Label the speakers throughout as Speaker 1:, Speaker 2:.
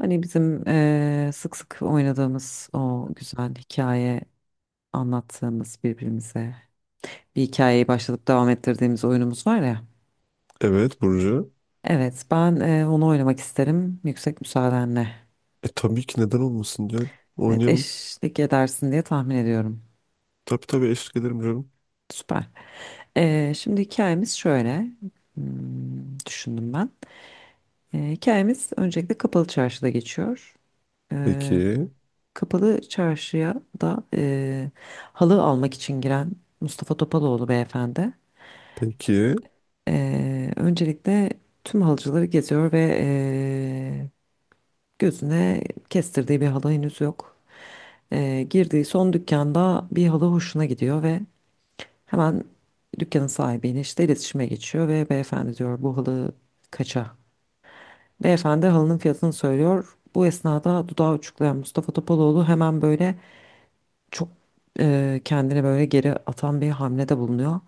Speaker 1: Hani bizim sık sık oynadığımız o güzel hikaye anlattığımız birbirimize bir hikayeyi başlatıp devam ettirdiğimiz oyunumuz var ya.
Speaker 2: Evet Burcu.
Speaker 1: Evet ben onu oynamak isterim yüksek müsaadenle.
Speaker 2: Tabii ki neden olmasın canım.
Speaker 1: Evet
Speaker 2: Oynayalım.
Speaker 1: eşlik edersin diye tahmin ediyorum.
Speaker 2: Tabii tabii eşlik ederim canım.
Speaker 1: Süper. Şimdi hikayemiz şöyle. Düşündüm ben. Hikayemiz öncelikle Kapalı Çarşı'da geçiyor. Eee,
Speaker 2: Peki.
Speaker 1: Kapalı Çarşı'ya da halı almak için giren Mustafa Topaloğlu beyefendi.
Speaker 2: Peki.
Speaker 1: Öncelikle tüm halıcıları geziyor ve gözüne kestirdiği bir halı henüz yok. Girdiği son dükkanda bir halı hoşuna gidiyor ve hemen dükkanın sahibiyle işte iletişime geçiyor ve beyefendi diyor bu halı kaça? Beyefendi halının fiyatını söylüyor. Bu esnada dudağı uçuklayan Mustafa Topaloğlu hemen böyle çok kendini böyle geri atan bir hamlede bulunuyor.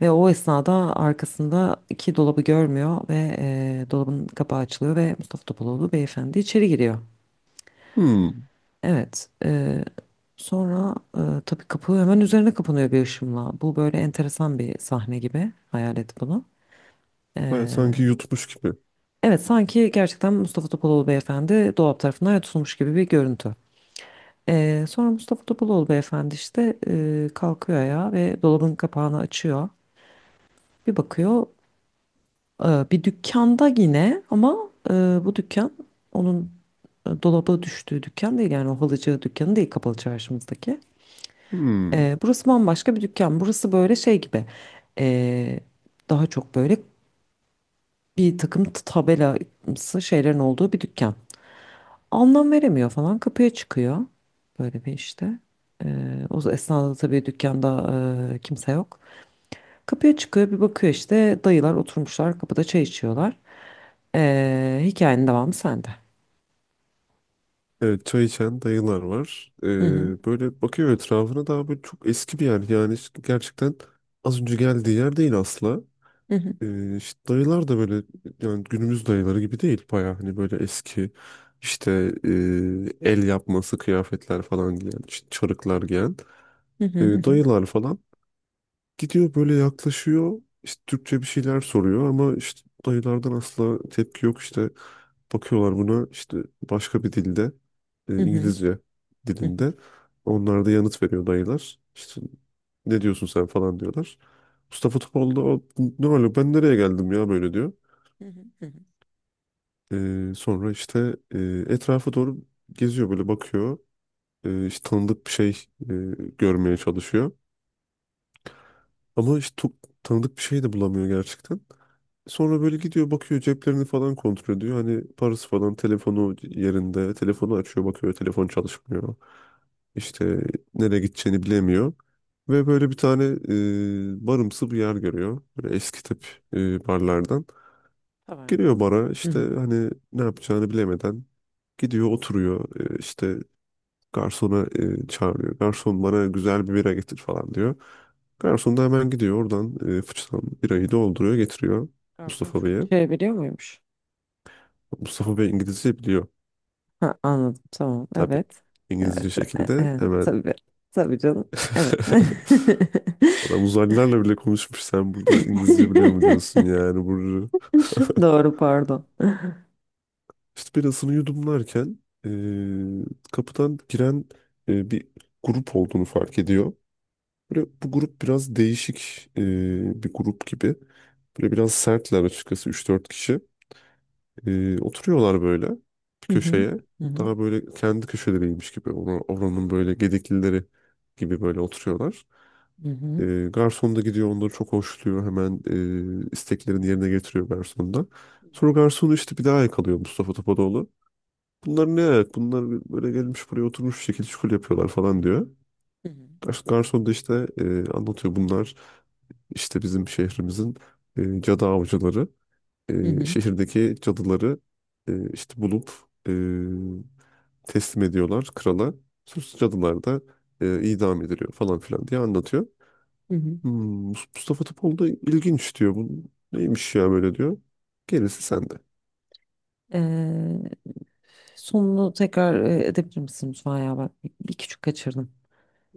Speaker 1: Ve o esnada arkasındaki dolabı görmüyor ve dolabın kapağı açılıyor ve Mustafa Topaloğlu beyefendi içeri giriyor.
Speaker 2: Hmm.
Speaker 1: Evet. Sonra tabii kapı hemen üzerine kapanıyor bir ışımla. Bu böyle enteresan bir sahne gibi. Hayal et bunu.
Speaker 2: Ben
Speaker 1: Eee,
Speaker 2: sanki yutmuş gibi.
Speaker 1: evet sanki gerçekten Mustafa Topaloğlu beyefendi dolap tarafından tutulmuş gibi bir görüntü. Sonra Mustafa Topaloğlu beyefendi işte kalkıyor ayağa ve dolabın kapağını açıyor. Bir bakıyor. Bir dükkanda yine ama bu dükkan onun dolaba düştüğü dükkan değil yani o halıcı dükkanı değil kapalı çarşımızdaki.
Speaker 2: Hmm.
Speaker 1: Burası bambaşka bir dükkan. Burası böyle şey gibi, e, daha çok böyle bir takım tabelası şeylerin olduğu bir dükkan. Anlam veremiyor falan, kapıya çıkıyor böyle bir işte. O esnada tabii dükkanda kimse yok. Kapıya çıkıyor, bir bakıyor işte dayılar oturmuşlar kapıda çay içiyorlar. Hikayenin devamı sende.
Speaker 2: Evet çay içen dayılar var.
Speaker 1: Hı hı.
Speaker 2: Böyle bakıyor etrafına, daha böyle çok eski bir yer. Yani işte gerçekten az önce geldiği yer değil asla.
Speaker 1: Hı hı.
Speaker 2: İşte dayılar da böyle yani günümüz dayıları gibi değil. Baya hani böyle eski, işte e, el yapması kıyafetler falan giyen, işte çarıklar giyen
Speaker 1: Hı hı.
Speaker 2: dayılar falan. Gidiyor böyle yaklaşıyor. İşte Türkçe bir şeyler soruyor ama işte dayılardan asla tepki yok. İşte bakıyorlar buna, işte başka bir dilde,
Speaker 1: Hı hı.
Speaker 2: İngilizce
Speaker 1: Hı hı. Hı hı.
Speaker 2: dilinde. Onlar da yanıt veriyor dayılar. İşte ne diyorsun sen falan diyorlar. Mustafa Topal da "O, ne öyle ben nereye geldim ya" böyle diyor.
Speaker 1: Hı hı. Hı hı.
Speaker 2: Sonra işte etrafa doğru geziyor, böyle bakıyor. İşte tanıdık bir şey e, görmeye çalışıyor. Ama işte çok tanıdık bir şey de bulamıyor gerçekten. Sonra böyle gidiyor, bakıyor, ceplerini falan kontrol ediyor. Hani parası falan, telefonu yerinde. Telefonu açıyor, bakıyor, telefon çalışmıyor. İşte nereye gideceğini bilemiyor. Ve böyle bir tane barımsı bir yer görüyor. Böyle eski tip barlardan.
Speaker 1: Taverna.
Speaker 2: Giriyor bara,
Speaker 1: Hı
Speaker 2: işte
Speaker 1: hı.
Speaker 2: hani ne yapacağını bilemeden gidiyor oturuyor. İşte garsona çağırıyor. Garson bana güzel bir bira getir falan diyor. Garson da hemen gidiyor oradan, fıçıdan birayı dolduruyor, getiriyor
Speaker 1: Garson
Speaker 2: Mustafa Bey'e.
Speaker 1: Türkçe biliyor muymuş?
Speaker 2: Mustafa Bey İngilizce biliyor.
Speaker 1: Ha, anladım. Tamam.
Speaker 2: Tabii.
Speaker 1: Evet.
Speaker 2: İngilizce
Speaker 1: Evet.
Speaker 2: şekilde
Speaker 1: Evet.
Speaker 2: hemen.
Speaker 1: Tabii. Tabii canım. Evet.
Speaker 2: Adam uzaylılarla bile konuşmuş. Sen burada İngilizce biliyor mu diyorsun yani Burcu.
Speaker 1: Doğru, pardon.
Speaker 2: İşte birasını yudumlarken kapıdan giren bir grup olduğunu fark ediyor. Böyle bu grup biraz değişik bir grup gibi. Böyle biraz sertler açıkçası, üç dört kişi. Oturuyorlar böyle bir
Speaker 1: Hı hı.
Speaker 2: köşeye.
Speaker 1: Hı hı.
Speaker 2: Daha böyle kendi köşeleriymiş gibi. Oranın böyle gediklileri gibi böyle oturuyorlar.
Speaker 1: Hı hı.
Speaker 2: Garson da gidiyor, onları çok hoşluyor. Hemen isteklerini yerine getiriyor garson da. Sonra garsonu işte bir daha yakalıyor Mustafa Topadoğlu. Bunlar ne ayak? Bunlar böyle gelmiş buraya oturmuş bir şekilde şukul yapıyorlar falan diyor.
Speaker 1: Hı hı.
Speaker 2: Garson da işte anlatıyor, bunlar işte bizim şehrimizin cadı avcıları.
Speaker 1: Hı hı.
Speaker 2: Şehirdeki cadıları işte bulup e, teslim ediyorlar krala. Sus cadılar da idam ediliyor falan filan diye anlatıyor.
Speaker 1: Hı hı.
Speaker 2: Hmm, Mustafa Topal da ilginç diyor. Bu neymiş ya böyle diyor. Gerisi sende.
Speaker 1: Ee, Sonunu tekrar edebilir misin lütfen ya? Ben bir küçük kaçırdım.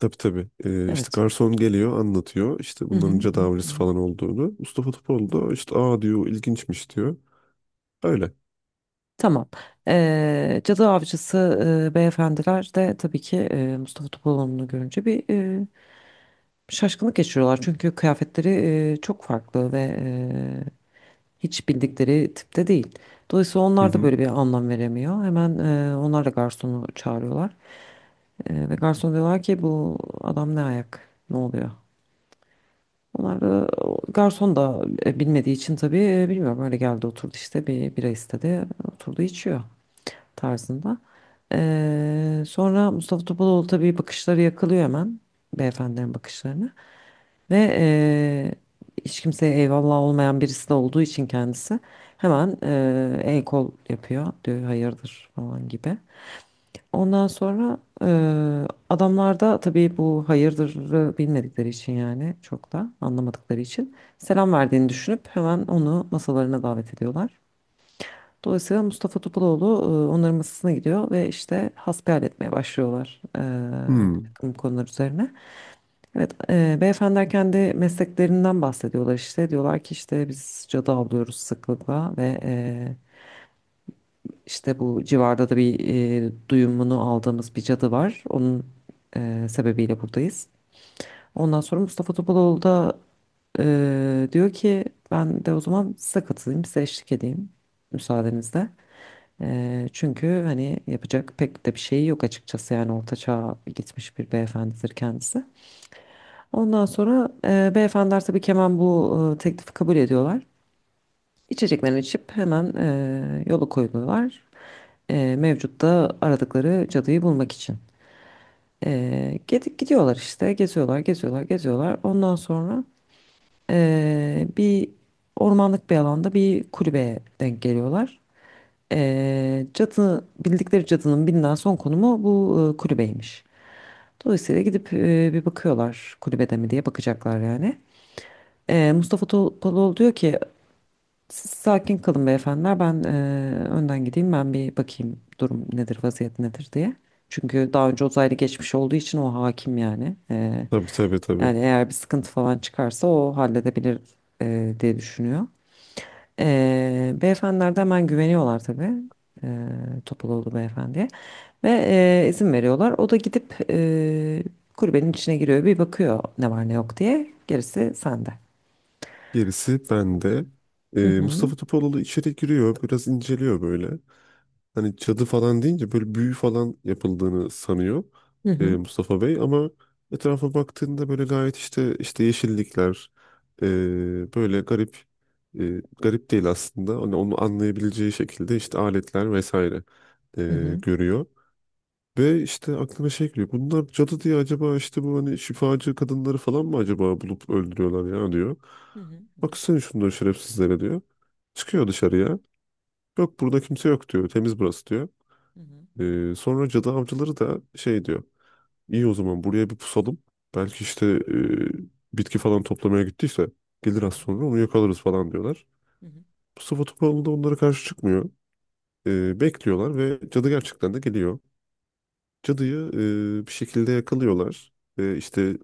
Speaker 2: Tabii tabii. İşte
Speaker 1: Evet.
Speaker 2: garson geliyor anlatıyor. İşte
Speaker 1: Hı hı.
Speaker 2: bunların
Speaker 1: Hı hı.
Speaker 2: tedavisi falan olduğunu. Mustafa Topal da işte aa diyor, ilginçmiş diyor. Öyle.
Speaker 1: Tamam. Cadı Avcısı beyefendiler de tabii ki Mustafa Topaloğlu'nu görünce bir şaşkınlık geçiriyorlar. Çünkü kıyafetleri çok farklı ve hiç bildikleri tipte değil. Dolayısıyla
Speaker 2: Hı
Speaker 1: onlar da
Speaker 2: hı.
Speaker 1: böyle bir anlam veremiyor. Hemen onlar da garsonu çağırıyorlar. Ve garson diyorlar ki, bu adam ne ayak? Ne oluyor? Onlar da, o garson da bilmediği için tabii, bilmiyorum, öyle geldi oturdu işte bir bira istedi oturdu içiyor tarzında. Sonra Mustafa Topaloğlu tabii bakışları yakılıyor hemen beyefendilerin bakışlarını ve hiç kimseye eyvallah olmayan birisi de olduğu için kendisi hemen el kol yapıyor diyor hayırdır falan gibi. Ondan sonra adamlar da tabii bu hayırdırı bilmedikleri için yani çok da anlamadıkları için selam verdiğini düşünüp hemen onu masalarına davet ediyorlar. Dolayısıyla Mustafa Topaloğlu onların masasına gidiyor ve işte hasbihal etmeye başlıyorlar bir
Speaker 2: Hmm.
Speaker 1: takım konular üzerine. Evet, beyefendiler kendi mesleklerinden bahsediyorlar işte. Diyorlar ki işte biz cadı avlıyoruz sıklıkla ve işte bu civarda da bir duyumunu aldığımız bir cadı var. Onun sebebiyle buradayız. Ondan sonra Mustafa Topaloğlu da diyor ki ben de o zaman size katılayım, size eşlik edeyim müsaadenizle. Çünkü hani yapacak pek de bir şeyi yok açıkçası, yani orta çağa gitmiş bir beyefendidir kendisi. Ondan sonra beyefendiler tabii ki hemen bu teklifi kabul ediyorlar. İçeceklerini içip hemen yola koyuluyorlar. Mevcut da aradıkları cadıyı bulmak için. Gidip gidiyorlar işte, geziyorlar geziyorlar geziyorlar. Ondan sonra bir ormanlık bir alanda bir kulübeye denk geliyorlar. Cadı, bildikleri cadının bilinen son konumu bu kulübeymiş. Dolayısıyla gidip bir bakıyorlar kulübede mi diye, bakacaklar yani. Mustafa Topaloğlu diyor ki siz sakin kalın beyefendiler, ben önden gideyim, ben bir bakayım durum nedir vaziyet nedir diye. Çünkü daha önce uzaylı geçmiş olduğu için o hakim yani. Eee,
Speaker 2: Tabii tabii tabii.
Speaker 1: yani eğer bir sıkıntı falan çıkarsa o halledebilir diye düşünüyor. Beyefendiler de hemen güveniyorlar tabii. Eee Topaloğlu beyefendiye. Ve izin veriyorlar. O da gidip kulübenin içine giriyor. Bir bakıyor ne var ne yok diye. Gerisi sende.
Speaker 2: Gerisi bende.
Speaker 1: Hı hı.
Speaker 2: Mustafa Topaloğlu içeri giriyor. Biraz inceliyor böyle. Hani cadı falan deyince böyle büyü falan yapıldığını sanıyor
Speaker 1: Hı hı.
Speaker 2: Mustafa Bey, ama etrafa baktığında böyle gayet işte, işte yeşillikler, böyle garip, garip değil aslında, hani onu anlayabileceği şekilde işte aletler vesaire
Speaker 1: Hı hı.
Speaker 2: görüyor. Ve işte aklına şey geliyor. Bunlar cadı diye acaba işte bu hani şifacı kadınları falan mı acaba bulup öldürüyorlar ya diyor.
Speaker 1: Hı hı. Hı
Speaker 2: Baksana şunları şerefsizlere diyor. Çıkıyor dışarıya. Yok, burada kimse yok diyor. Temiz burası diyor.
Speaker 1: hı.
Speaker 2: Sonra cadı avcıları da şey diyor. İyi, o zaman buraya bir pusalım. Belki işte bitki falan toplamaya gittiyse gelir,
Speaker 1: Hı
Speaker 2: az sonra onu yakalarız falan diyorlar.
Speaker 1: hı.
Speaker 2: Mustafa Topaloğlu da onlara karşı çıkmıyor. Bekliyorlar ve cadı gerçekten de geliyor. Cadıyı bir şekilde yakalıyorlar. Ve işte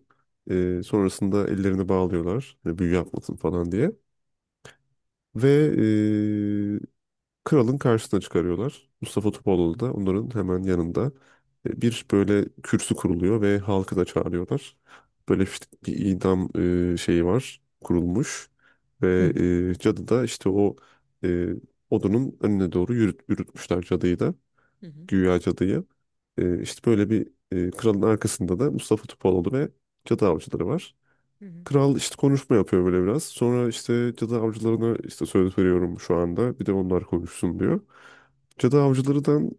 Speaker 2: sonrasında ellerini bağlıyorlar. E, büyü yapmasın falan diye. Ve kralın karşısına çıkarıyorlar. Mustafa Topaloğlu da onların hemen yanında, bir böyle kürsü kuruluyor ve halkı da çağırıyorlar. Böyle işte bir idam şeyi var, kurulmuş,
Speaker 1: Hı
Speaker 2: ve
Speaker 1: hı.
Speaker 2: cadı da işte o e, odunun önüne doğru yürütmüşler cadıyı da,
Speaker 1: Hı hı.
Speaker 2: güya cadıyı. İşte böyle bir, kralın arkasında da Mustafa Topaloğlu ve cadı avcıları var.
Speaker 1: Hı hı. Hı hı.
Speaker 2: Kral işte konuşma yapıyor böyle biraz. Sonra işte cadı avcılarına işte söz veriyorum şu anda, bir de onlar konuşsun diyor. Cadı avcılarından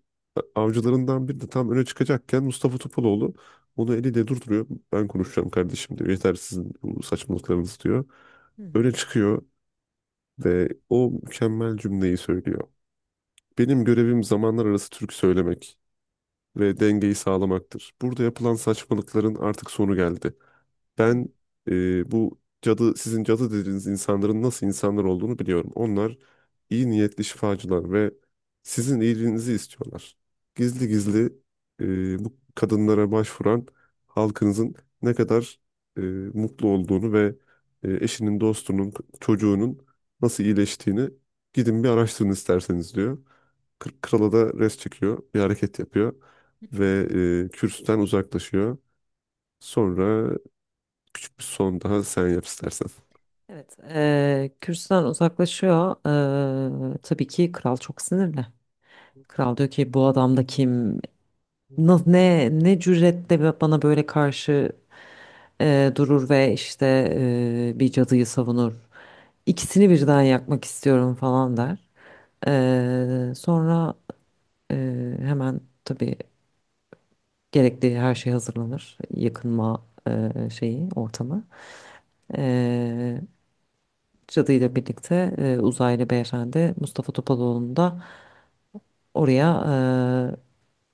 Speaker 2: Avcılarından biri de tam öne çıkacakken Mustafa Topaloğlu onu eliyle durduruyor. Ben konuşacağım kardeşim diyor. Yeter sizin bu saçmalıklarınız diyor.
Speaker 1: Hı hı.
Speaker 2: Öne çıkıyor ve o mükemmel cümleyi söylüyor. Benim görevim zamanlar arası türkü söylemek ve dengeyi sağlamaktır. Burada yapılan saçmalıkların artık sonu geldi. Ben bu cadı, sizin cadı dediğiniz insanların nasıl insanlar olduğunu biliyorum. Onlar iyi niyetli şifacılar ve sizin iyiliğinizi istiyorlar. Gizli gizli bu kadınlara başvuran halkınızın ne kadar e, mutlu olduğunu ve eşinin, dostunun, çocuğunun nasıl iyileştiğini gidin bir araştırın isterseniz diyor. Krala da res çekiyor, bir hareket yapıyor
Speaker 1: Hı
Speaker 2: ve
Speaker 1: hı.
Speaker 2: kürsüden uzaklaşıyor. Sonra küçük bir son daha sen yap istersen.
Speaker 1: Evet, kürsüden uzaklaşıyor. Tabii ki kral çok sinirli. Kral diyor ki bu adam da kim? Ne cüretle bana böyle karşı durur ve işte bir cadıyı savunur. İkisini birden yakmak istiyorum falan der. Sonra e, hemen tabii gerekli her şey hazırlanır. Yakınma şeyi, ortamı. Ee, Cadıyla birlikte uzaylı beyefendi Mustafa Topaloğlu'nu da oraya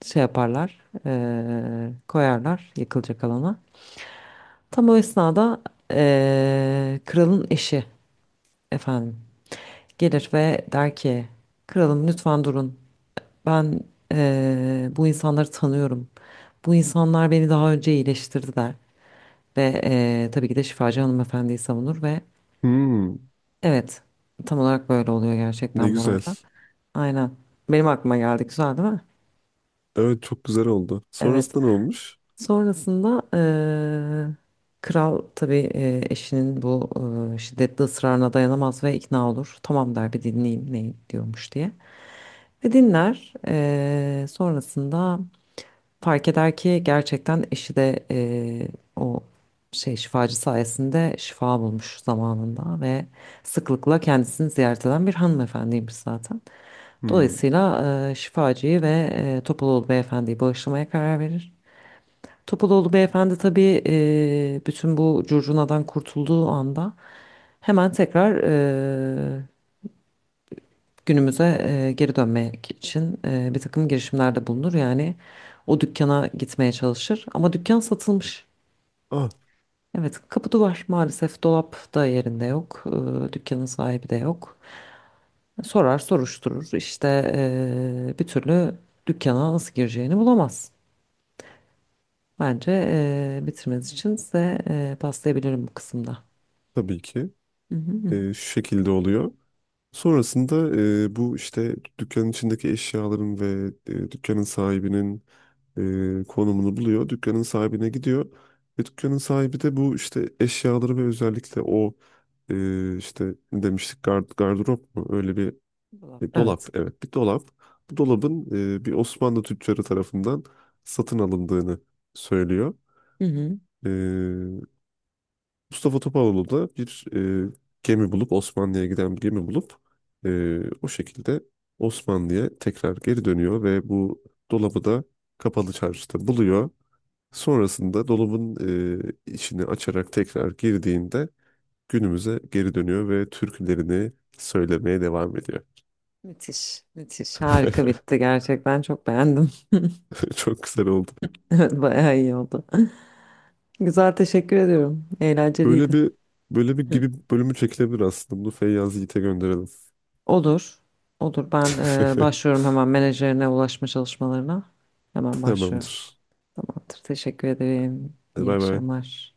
Speaker 1: şey yaparlar, koyarlar yakılacak alana. Tam o esnada kralın eşi efendim gelir ve der ki kralım, lütfen durun. Ben bu insanları tanıyorum. Bu insanlar beni daha önce iyileştirdiler. Ve tabii ki de şifacı hanımefendiyi savunur ve
Speaker 2: Hmm,
Speaker 1: evet, tam olarak böyle oluyor
Speaker 2: ne
Speaker 1: gerçekten bu
Speaker 2: güzel.
Speaker 1: arada. Aynen. Benim aklıma geldi. Güzel değil mi?
Speaker 2: Evet çok güzel oldu.
Speaker 1: Evet.
Speaker 2: Sonrasında ne olmuş?
Speaker 1: Sonrasında kral tabii eşinin bu şiddetli ısrarına dayanamaz ve ikna olur. Tamam der, bir dinleyeyim ne diyormuş diye. Ve dinler. Sonrasında fark eder ki gerçekten eşi de o şey şifacı sayesinde şifa bulmuş zamanında ve sıklıkla kendisini ziyaret eden bir hanımefendiymiş zaten.
Speaker 2: Hmm.
Speaker 1: Dolayısıyla şifacıyı ve Topaloğlu beyefendiyi bağışlamaya karar verir. Topaloğlu beyefendi tabii bütün bu curcunadan kurtulduğu anda hemen tekrar e, günümüze geri dönmek için bir takım girişimlerde bulunur. Yani o dükkana gitmeye çalışır ama dükkan satılmış.
Speaker 2: Ah,
Speaker 1: Evet, kapı duvar maalesef, dolap da yerinde yok. Dükkanın sahibi de yok. Sorar, soruşturur. İşte bir türlü dükkana nasıl gireceğini bulamaz. Bence bitirmeniz için size paslayabilirim bu kısımda.
Speaker 2: tabii ki
Speaker 1: Hı hı, hı.
Speaker 2: şu şekilde oluyor. Sonrasında bu işte dükkanın içindeki eşyaların ve dükkanın sahibinin konumunu buluyor. Dükkanın sahibine gidiyor. Ve dükkanın sahibi de bu işte eşyaları ve özellikle o işte ne demiştik, gardırop mu? Öyle bir
Speaker 1: Dolap,
Speaker 2: E,
Speaker 1: evet.
Speaker 2: dolap, evet, bir dolap. Bu dolabın bir Osmanlı tüccarı tarafından satın alındığını söylüyor.
Speaker 1: Hı hı.
Speaker 2: E, Mustafa Topaloğlu da bir e, gemi bulup, Osmanlı'ya giden bir gemi bulup, o şekilde Osmanlı'ya tekrar geri dönüyor ve bu dolabı da kapalı çarşıda buluyor. Sonrasında dolabın içini açarak tekrar girdiğinde günümüze geri dönüyor ve türkülerini söylemeye devam ediyor.
Speaker 1: Müthiş, müthiş. Harika bitti, gerçekten çok beğendim.
Speaker 2: Çok güzel oldu.
Speaker 1: Evet, bayağı iyi oldu. Güzel, teşekkür ediyorum.
Speaker 2: Böyle
Speaker 1: Eğlenceliydi.
Speaker 2: bir Böyle bir gibi bölümü çekilebilir aslında. Bunu Feyyaz Yiğit'e gönderelim.
Speaker 1: Olur. Olur. Ben başlıyorum hemen menajerine ulaşma çalışmalarına. Hemen başlıyorum.
Speaker 2: Tamamdır.
Speaker 1: Tamamdır. Teşekkür ederim.
Speaker 2: Hadi
Speaker 1: İyi
Speaker 2: bay bay.
Speaker 1: akşamlar.